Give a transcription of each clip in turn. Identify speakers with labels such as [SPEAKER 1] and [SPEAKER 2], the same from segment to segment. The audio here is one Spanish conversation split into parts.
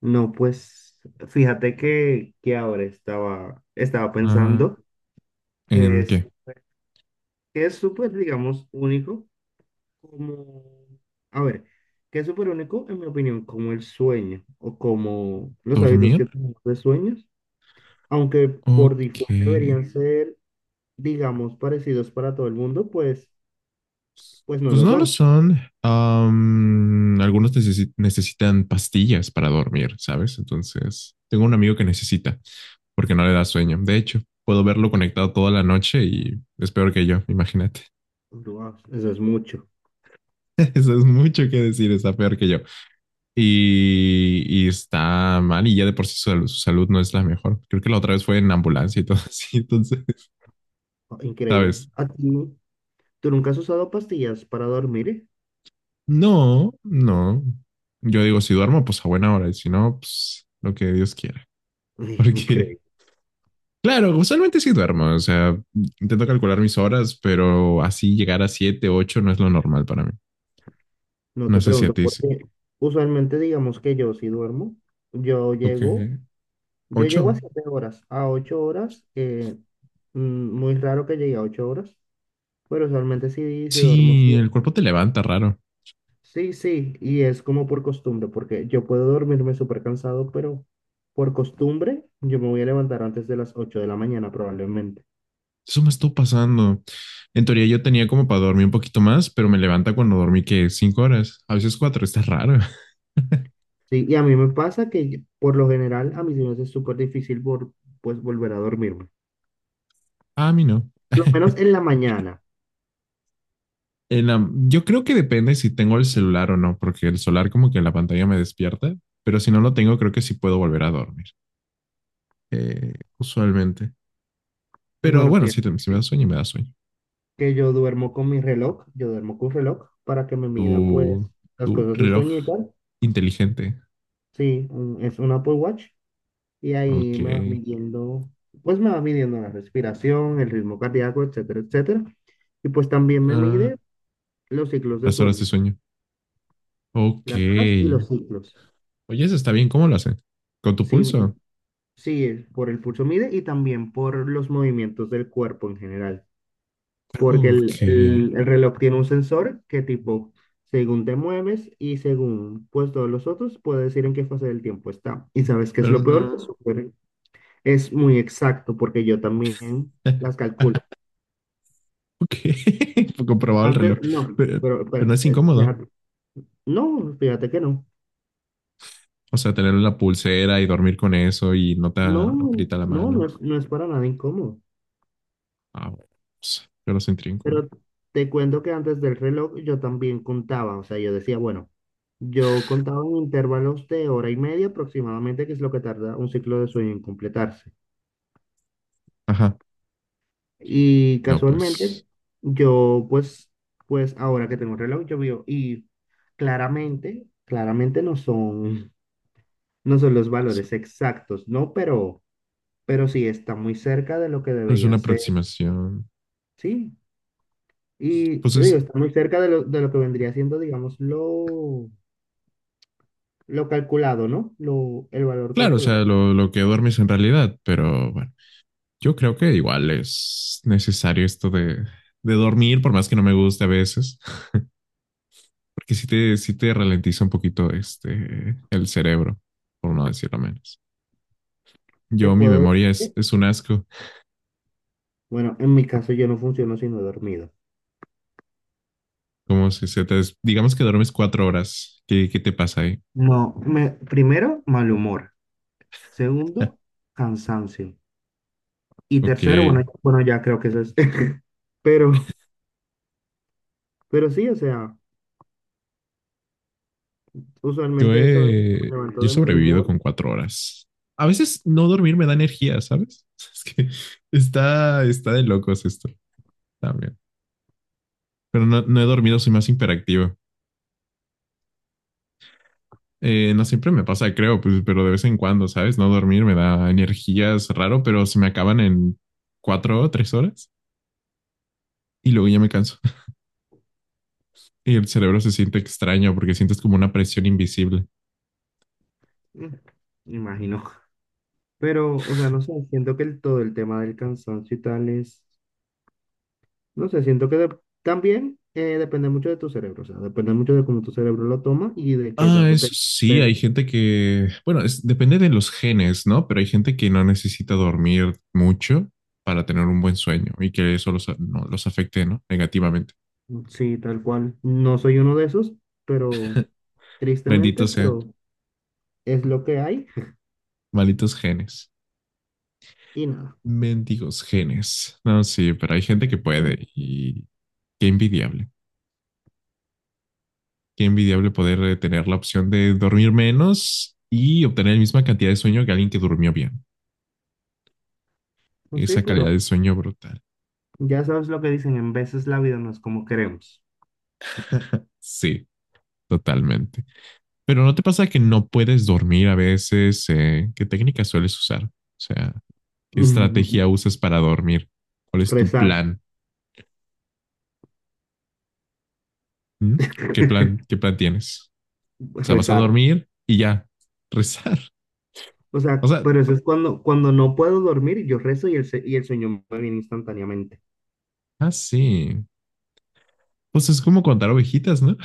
[SPEAKER 1] No, pues fíjate que ahora estaba
[SPEAKER 2] Ah,
[SPEAKER 1] pensando que
[SPEAKER 2] ¿en
[SPEAKER 1] es,
[SPEAKER 2] qué?
[SPEAKER 1] que es súper, digamos, único, como, a ver, que es súper único, en mi opinión, como el sueño o como los hábitos
[SPEAKER 2] ¿Dormir?
[SPEAKER 1] que tenemos de sueños, aunque por
[SPEAKER 2] Ok.
[SPEAKER 1] default deberían ser, digamos, parecidos para todo el mundo, pues no
[SPEAKER 2] Pues
[SPEAKER 1] lo
[SPEAKER 2] no lo
[SPEAKER 1] son.
[SPEAKER 2] son. Algunos necesitan pastillas para dormir, ¿sabes? Entonces, tengo un amigo que necesita porque no le da sueño. De hecho, puedo verlo conectado toda la noche y es peor que yo, imagínate.
[SPEAKER 1] Wow, eso es mucho,
[SPEAKER 2] Eso es mucho que decir, está peor que yo. Y está mal y ya de por sí su salud no es la mejor. Creo que la otra vez fue en ambulancia y todo así. Entonces,
[SPEAKER 1] increíble.
[SPEAKER 2] ¿sabes?
[SPEAKER 1] ¿A ti, tú nunca has usado pastillas para dormir?
[SPEAKER 2] No, no. Yo digo, si duermo, pues a buena hora, y si no, pues lo que Dios quiera. Porque,
[SPEAKER 1] Increíble.
[SPEAKER 2] claro, usualmente sí duermo, o sea, intento calcular mis horas, pero así llegar a siete, ocho no es lo normal para mí.
[SPEAKER 1] No
[SPEAKER 2] No
[SPEAKER 1] te
[SPEAKER 2] sé si a
[SPEAKER 1] pregunto,
[SPEAKER 2] ti sí.
[SPEAKER 1] porque usualmente digamos que yo si duermo, yo
[SPEAKER 2] Ok.
[SPEAKER 1] llego, yo llego a
[SPEAKER 2] ¿Ocho?
[SPEAKER 1] 7 horas, a 8 horas, muy raro que llegue a 8 horas, pero usualmente sí, si duermo
[SPEAKER 2] Sí,
[SPEAKER 1] sí.
[SPEAKER 2] el cuerpo te levanta raro.
[SPEAKER 1] Sí, sí, y es como por costumbre, porque yo puedo dormirme súper cansado, pero por costumbre yo me voy a levantar antes de las 8 de la mañana probablemente.
[SPEAKER 2] Eso me estuvo pasando. En teoría yo tenía como para dormir un poquito más, pero me levanta cuando dormí que cinco horas, a veces cuatro, está raro.
[SPEAKER 1] Sí, y a mí me pasa que por lo general a mí se me hace súper difícil por, pues volver a dormirme,
[SPEAKER 2] A mí no.
[SPEAKER 1] por lo menos en la mañana.
[SPEAKER 2] En yo creo que depende si tengo el celular o no, porque el celular como que la pantalla me despierta, pero si no lo tengo, creo que sí puedo volver a dormir, usualmente. Pero
[SPEAKER 1] Bueno,
[SPEAKER 2] bueno, si me
[SPEAKER 1] fíjate
[SPEAKER 2] da sueño, me da sueño.
[SPEAKER 1] que yo duermo con mi reloj, yo duermo con reloj para que me mida pues
[SPEAKER 2] Tu,
[SPEAKER 1] las
[SPEAKER 2] tu
[SPEAKER 1] cosas de
[SPEAKER 2] reloj
[SPEAKER 1] sueño y tal.
[SPEAKER 2] inteligente.
[SPEAKER 1] Sí, es un Apple Watch y ahí
[SPEAKER 2] Ok.
[SPEAKER 1] me va midiendo, pues me va midiendo la respiración, el ritmo cardíaco, etcétera, etcétera. Y pues también me
[SPEAKER 2] Ah,
[SPEAKER 1] mide los ciclos de
[SPEAKER 2] las horas de
[SPEAKER 1] sueño,
[SPEAKER 2] sueño. Ok.
[SPEAKER 1] las horas y los ciclos.
[SPEAKER 2] Oye, eso está bien. ¿Cómo lo hacen? ¿Con tu
[SPEAKER 1] Sí,
[SPEAKER 2] pulso?
[SPEAKER 1] sí, por el pulso mide y también por los movimientos del cuerpo en general, porque el, el-
[SPEAKER 2] Ok.
[SPEAKER 1] el reloj tiene un sensor que tipo, según te mueves y según pues todos los otros, puede decir en qué fase del tiempo está. Y sabes qué es
[SPEAKER 2] Pero
[SPEAKER 1] lo peor, que
[SPEAKER 2] no.
[SPEAKER 1] es muy exacto, porque yo también las calculo.
[SPEAKER 2] Ok. Comprobado el
[SPEAKER 1] Antes
[SPEAKER 2] reloj.
[SPEAKER 1] no,
[SPEAKER 2] Pero, pero no es incómodo.
[SPEAKER 1] déjate. No, fíjate que no.
[SPEAKER 2] O sea, tener una pulsera y dormir con eso y no te
[SPEAKER 1] No, no,
[SPEAKER 2] aprieta la
[SPEAKER 1] no,
[SPEAKER 2] mano.
[SPEAKER 1] no es para nada incómodo.
[SPEAKER 2] Ah, bueno, pues, yo lo sentiría incómodo.
[SPEAKER 1] Pero te cuento que antes del reloj yo también contaba, o sea, yo decía, bueno, yo contaba en intervalos de hora y media aproximadamente, que es lo que tarda un ciclo de sueño en completarse.
[SPEAKER 2] Ajá.
[SPEAKER 1] Y
[SPEAKER 2] No,
[SPEAKER 1] casualmente,
[SPEAKER 2] pues
[SPEAKER 1] yo pues ahora que tengo un reloj, yo veo, y claramente, claramente no son, no son los
[SPEAKER 2] es
[SPEAKER 1] valores exactos, ¿no? Pero sí está muy cerca de lo que
[SPEAKER 2] es una
[SPEAKER 1] deberían ser,
[SPEAKER 2] aproximación.
[SPEAKER 1] ¿sí? Y
[SPEAKER 2] Pues
[SPEAKER 1] te digo,
[SPEAKER 2] es,
[SPEAKER 1] está muy cerca de lo, que vendría siendo, digamos lo calculado, ¿no? El valor
[SPEAKER 2] claro, o sea,
[SPEAKER 1] calculado.
[SPEAKER 2] lo que duermes en realidad, pero bueno, yo creo que igual es necesario esto de dormir, por más que no me guste a veces, porque sí te ralentiza un poquito este, el cerebro, por no decirlo menos.
[SPEAKER 1] Te
[SPEAKER 2] Yo, mi
[SPEAKER 1] puedo decir
[SPEAKER 2] memoria es,
[SPEAKER 1] que,
[SPEAKER 2] es un asco.
[SPEAKER 1] bueno, en mi caso yo no funciono sino dormido.
[SPEAKER 2] Como si se digamos que duermes cuatro horas. ¿Qué te pasa ahí?
[SPEAKER 1] No, primero, mal humor. Segundo, cansancio. Y tercero,
[SPEAKER 2] Ok.
[SPEAKER 1] bueno, bueno, ya creo que eso es. Pero, pero sí, o sea,
[SPEAKER 2] Yo
[SPEAKER 1] usualmente eso es,
[SPEAKER 2] he,
[SPEAKER 1] me levanto
[SPEAKER 2] yo he
[SPEAKER 1] de mal
[SPEAKER 2] sobrevivido
[SPEAKER 1] humor.
[SPEAKER 2] con cuatro horas. A veces no dormir me da energía, ¿sabes? Es que está, está de locos esto también. Pero no, no he dormido, soy más hiperactivo. No siempre me pasa, creo, pues, pero de vez en cuando, ¿sabes? No dormir me da energías raro, pero se me acaban en cuatro o tres horas y luego ya me canso. Y el cerebro se siente extraño porque sientes como una presión invisible.
[SPEAKER 1] mm, me imagino. Pero, o sea, no sé, siento que el, todo el tema del cansancio y tal es. No sé, siento que también depende mucho de tu cerebro, o sea, depende mucho de cómo tu cerebro lo toma y de qué
[SPEAKER 2] Ah,
[SPEAKER 1] tanto
[SPEAKER 2] eso
[SPEAKER 1] te...
[SPEAKER 2] sí,
[SPEAKER 1] Pero,
[SPEAKER 2] hay gente que, bueno, depende de los genes, ¿no? Pero hay gente que no necesita dormir mucho para tener un buen sueño y que eso los, no, los afecte, ¿no? Negativamente.
[SPEAKER 1] sí, tal cual. No soy uno de esos, pero tristemente,
[SPEAKER 2] Benditos sean,
[SPEAKER 1] pero es lo que hay
[SPEAKER 2] malditos genes.
[SPEAKER 1] y nada.
[SPEAKER 2] Mendigos genes. No, sí, pero hay gente que puede y qué envidiable. Qué envidiable poder tener la opción de dormir menos y obtener la misma cantidad de sueño que alguien que durmió bien.
[SPEAKER 1] Pues sí,
[SPEAKER 2] Esa calidad
[SPEAKER 1] pero
[SPEAKER 2] de sueño brutal.
[SPEAKER 1] ya sabes lo que dicen, en veces la vida no es como queremos.
[SPEAKER 2] Sí, totalmente. Pero ¿no te pasa que no puedes dormir a veces? ¿eh? ¿Qué técnica sueles usar? O sea, ¿qué estrategia usas para dormir? ¿Cuál es tu
[SPEAKER 1] Rezar,
[SPEAKER 2] plan? ¿Mm? ¿Qué plan, qué plan tienes? O sea, vas a
[SPEAKER 1] rezar.
[SPEAKER 2] dormir y ya, rezar.
[SPEAKER 1] O
[SPEAKER 2] O
[SPEAKER 1] sea,
[SPEAKER 2] sea,
[SPEAKER 1] pero eso es cuando, cuando no puedo dormir, yo rezo y y el sueño me viene instantáneamente.
[SPEAKER 2] ah, sí. Pues es como contar ovejitas, ¿no?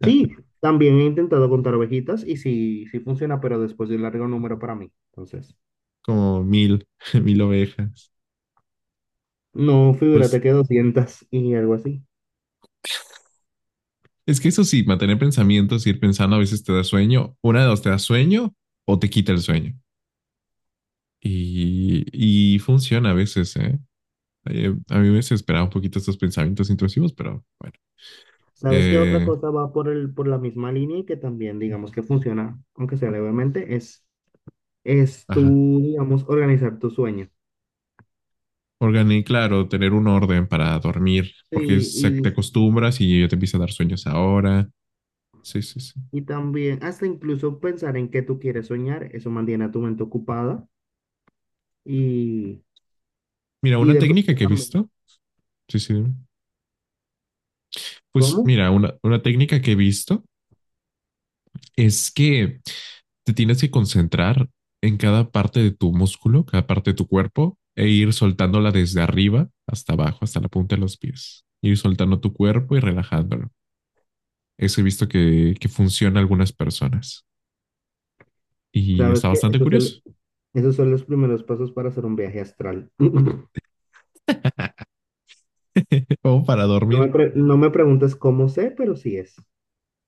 [SPEAKER 1] Sí, también he intentado contar ovejitas y sí, sí funciona, pero después de un largo número para mí. Entonces,
[SPEAKER 2] Como mil, mil ovejas.
[SPEAKER 1] no,
[SPEAKER 2] Pues
[SPEAKER 1] figúrate que 200 y algo así.
[SPEAKER 2] es que eso sí, mantener pensamientos, ir pensando, a veces te da sueño. Una de dos, te da sueño o te quita el sueño. Y funciona a veces, ¿eh? A mí me desesperaba un poquito estos pensamientos intrusivos, pero bueno.
[SPEAKER 1] ¿Sabes qué otra
[SPEAKER 2] Eh,
[SPEAKER 1] cosa va por el, por la misma línea y que también digamos que funciona, aunque sea levemente, es
[SPEAKER 2] ajá.
[SPEAKER 1] tú, digamos, organizar tu sueño?
[SPEAKER 2] Claro, tener un orden para dormir, porque
[SPEAKER 1] Sí,
[SPEAKER 2] te
[SPEAKER 1] y,
[SPEAKER 2] acostumbras y ya te empieza a dar sueños ahora. Sí, sí, sí.
[SPEAKER 1] y también hasta incluso pensar en qué tú quieres soñar, eso mantiene a tu mente ocupada y,
[SPEAKER 2] Mira,
[SPEAKER 1] y
[SPEAKER 2] una
[SPEAKER 1] de
[SPEAKER 2] técnica
[SPEAKER 1] pronto
[SPEAKER 2] que he
[SPEAKER 1] también,
[SPEAKER 2] visto. Sí, sí. Pues
[SPEAKER 1] ¿cómo?
[SPEAKER 2] mira, una técnica que he visto es que te tienes que concentrar en cada parte de tu músculo, cada parte de tu cuerpo, e ir soltándola desde arriba hasta abajo, hasta la punta de los pies. Ir soltando tu cuerpo y relajándolo. Eso he visto que funciona a algunas personas y
[SPEAKER 1] ¿Sabes
[SPEAKER 2] está
[SPEAKER 1] qué?
[SPEAKER 2] bastante
[SPEAKER 1] Eso es
[SPEAKER 2] curioso.
[SPEAKER 1] Esos son los primeros pasos para hacer un viaje astral.
[SPEAKER 2] Como para dormir.
[SPEAKER 1] No me preguntes cómo sé, pero sí es.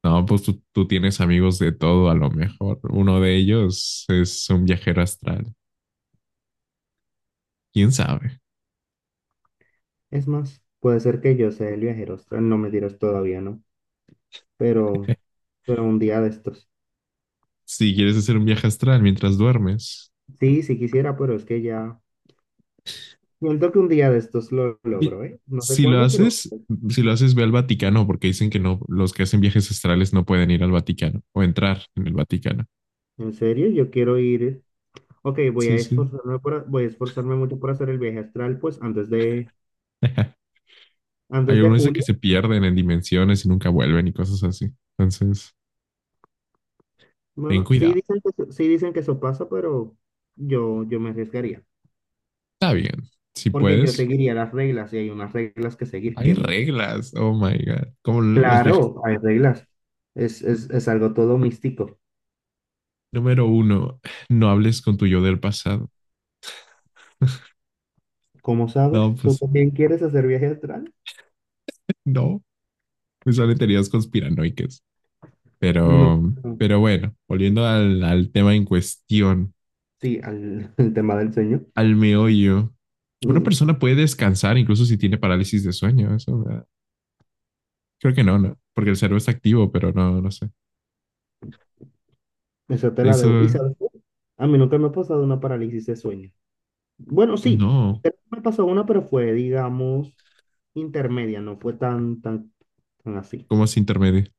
[SPEAKER 2] No, pues tú tienes amigos de todo, a lo mejor. Uno de ellos es un viajero astral. ¿Quién sabe?
[SPEAKER 1] Es más, puede ser que yo sea el viajero astral, no me dirás todavía, ¿no? Pero, pero un día de estos.
[SPEAKER 2] Si quieres hacer un viaje astral mientras duermes.
[SPEAKER 1] Sí, sí quisiera, pero es que ya. Siento que un día de estos lo
[SPEAKER 2] Y
[SPEAKER 1] logro, ¿eh? No sé
[SPEAKER 2] si lo
[SPEAKER 1] cuándo, pero
[SPEAKER 2] haces, si lo haces, ve al Vaticano, porque dicen que no, los que hacen viajes astrales no pueden ir al Vaticano o entrar en el Vaticano.
[SPEAKER 1] en serio, yo quiero ir. Ok, voy a
[SPEAKER 2] Sí, sí.
[SPEAKER 1] esforzarme por, voy a esforzarme mucho por hacer el viaje astral, pues antes de,
[SPEAKER 2] Hay
[SPEAKER 1] antes de
[SPEAKER 2] algunos que
[SPEAKER 1] julio.
[SPEAKER 2] se pierden en dimensiones y nunca vuelven y cosas así. Entonces, ten
[SPEAKER 1] Bueno, sí
[SPEAKER 2] cuidado.
[SPEAKER 1] dicen que, sí dicen que eso pasa, pero yo me arriesgaría.
[SPEAKER 2] Está bien, si
[SPEAKER 1] Porque yo
[SPEAKER 2] puedes.
[SPEAKER 1] seguiría las reglas y hay unas reglas que seguir.
[SPEAKER 2] Hay reglas, oh my God. Como los viajes.
[SPEAKER 1] Claro, hay reglas. Es algo todo místico.
[SPEAKER 2] Número uno, no hables con tu yo del pasado.
[SPEAKER 1] Como
[SPEAKER 2] No,
[SPEAKER 1] sabes? ¿Tú
[SPEAKER 2] pues
[SPEAKER 1] también quieres hacer viaje astral?
[SPEAKER 2] no, me salen teorías conspiranoicas.
[SPEAKER 1] No, no.
[SPEAKER 2] Pero bueno, volviendo al tema en cuestión,
[SPEAKER 1] Sí, al, el tema del sueño.
[SPEAKER 2] al meollo. Una
[SPEAKER 1] Mm,
[SPEAKER 2] persona puede descansar incluso si tiene parálisis de sueño. Eso, ¿verdad? Creo que no, no, porque el cerebro está activo, pero no, no sé.
[SPEAKER 1] eso te la debo. ¿Y
[SPEAKER 2] Eso,
[SPEAKER 1] sabes qué? A mí nunca me ha pasado una parálisis de sueño. Bueno, sí,
[SPEAKER 2] no,
[SPEAKER 1] creo me pasó una, pero fue, digamos, intermedia, no fue tan, tan, tan así.
[SPEAKER 2] como se intermedia.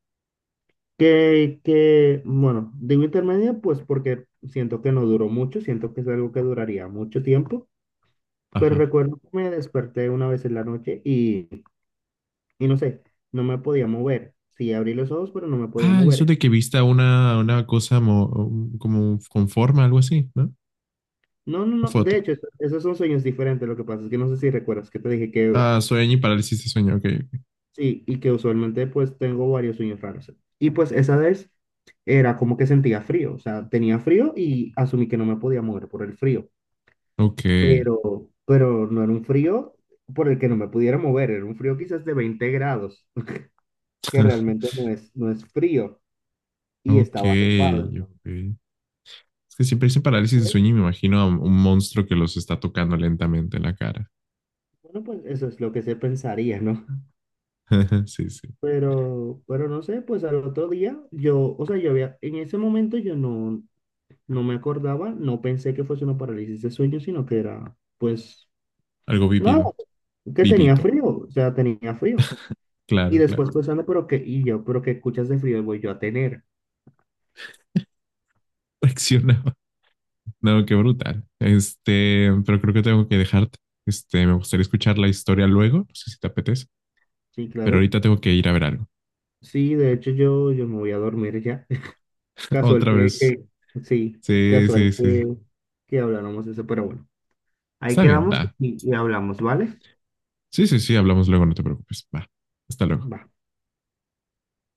[SPEAKER 1] Que, bueno, digo intermedia, pues porque siento que no duró mucho, siento que es algo que duraría mucho tiempo, pero
[SPEAKER 2] Ajá.
[SPEAKER 1] recuerdo que me desperté una vez en la noche y no sé, no me podía mover. Sí, abrí los ojos, pero no me podía
[SPEAKER 2] Ah, eso
[SPEAKER 1] mover.
[SPEAKER 2] de que vista una cosa como con forma, algo así, ¿no?
[SPEAKER 1] No, no,
[SPEAKER 2] ¿O
[SPEAKER 1] no,
[SPEAKER 2] fue
[SPEAKER 1] de
[SPEAKER 2] otro?
[SPEAKER 1] hecho, esos son sueños diferentes. Lo que pasa es que no sé si recuerdas que te dije que
[SPEAKER 2] Ah, sueño y parálisis de sueño, ok.
[SPEAKER 1] sí, y que usualmente pues tengo varios sueños raros. Y pues esa vez era como que sentía frío, o sea, tenía frío y asumí que no me podía mover por el frío.
[SPEAKER 2] Ok,
[SPEAKER 1] Pero no era un frío por el que no me pudiera mover, era un frío quizás de 20 grados, que realmente no es frío, y
[SPEAKER 2] ok,
[SPEAKER 1] estaba arropado. Entonces,
[SPEAKER 2] ok. Es que siempre dicen parálisis de
[SPEAKER 1] después,
[SPEAKER 2] sueño y me imagino a un monstruo que los está tocando lentamente en la cara.
[SPEAKER 1] bueno, pues eso es lo que se pensaría, ¿no?
[SPEAKER 2] Sí, sí.
[SPEAKER 1] Pero no sé, pues al otro día yo, o sea, yo había, en ese momento yo no, no me acordaba, no pensé que fuese una parálisis de sueño, sino que era, pues,
[SPEAKER 2] Algo
[SPEAKER 1] nada,
[SPEAKER 2] vivido,
[SPEAKER 1] que tenía
[SPEAKER 2] vivito.
[SPEAKER 1] frío, o sea, tenía frío. Y
[SPEAKER 2] Claro, claro.
[SPEAKER 1] después pensando, pero qué, y yo, pero qué escuchas de frío voy yo a tener.
[SPEAKER 2] Reaccionaba. No, qué brutal. Este, pero creo que tengo que dejarte. Este, me gustaría escuchar la historia luego. No sé si te apetece,
[SPEAKER 1] Sí,
[SPEAKER 2] pero
[SPEAKER 1] claro.
[SPEAKER 2] ahorita tengo que ir a ver algo.
[SPEAKER 1] Sí, de hecho yo, yo me voy a dormir ya. Casual
[SPEAKER 2] Otra vez.
[SPEAKER 1] sí,
[SPEAKER 2] Sí, sí,
[SPEAKER 1] casual
[SPEAKER 2] sí.
[SPEAKER 1] que habláramos de eso, pero bueno. Ahí
[SPEAKER 2] Está bien,
[SPEAKER 1] quedamos
[SPEAKER 2] da.
[SPEAKER 1] y hablamos, ¿vale?
[SPEAKER 2] Sí, sí, sí, hablamos luego, no te preocupes. Va. Hasta luego.
[SPEAKER 1] Va.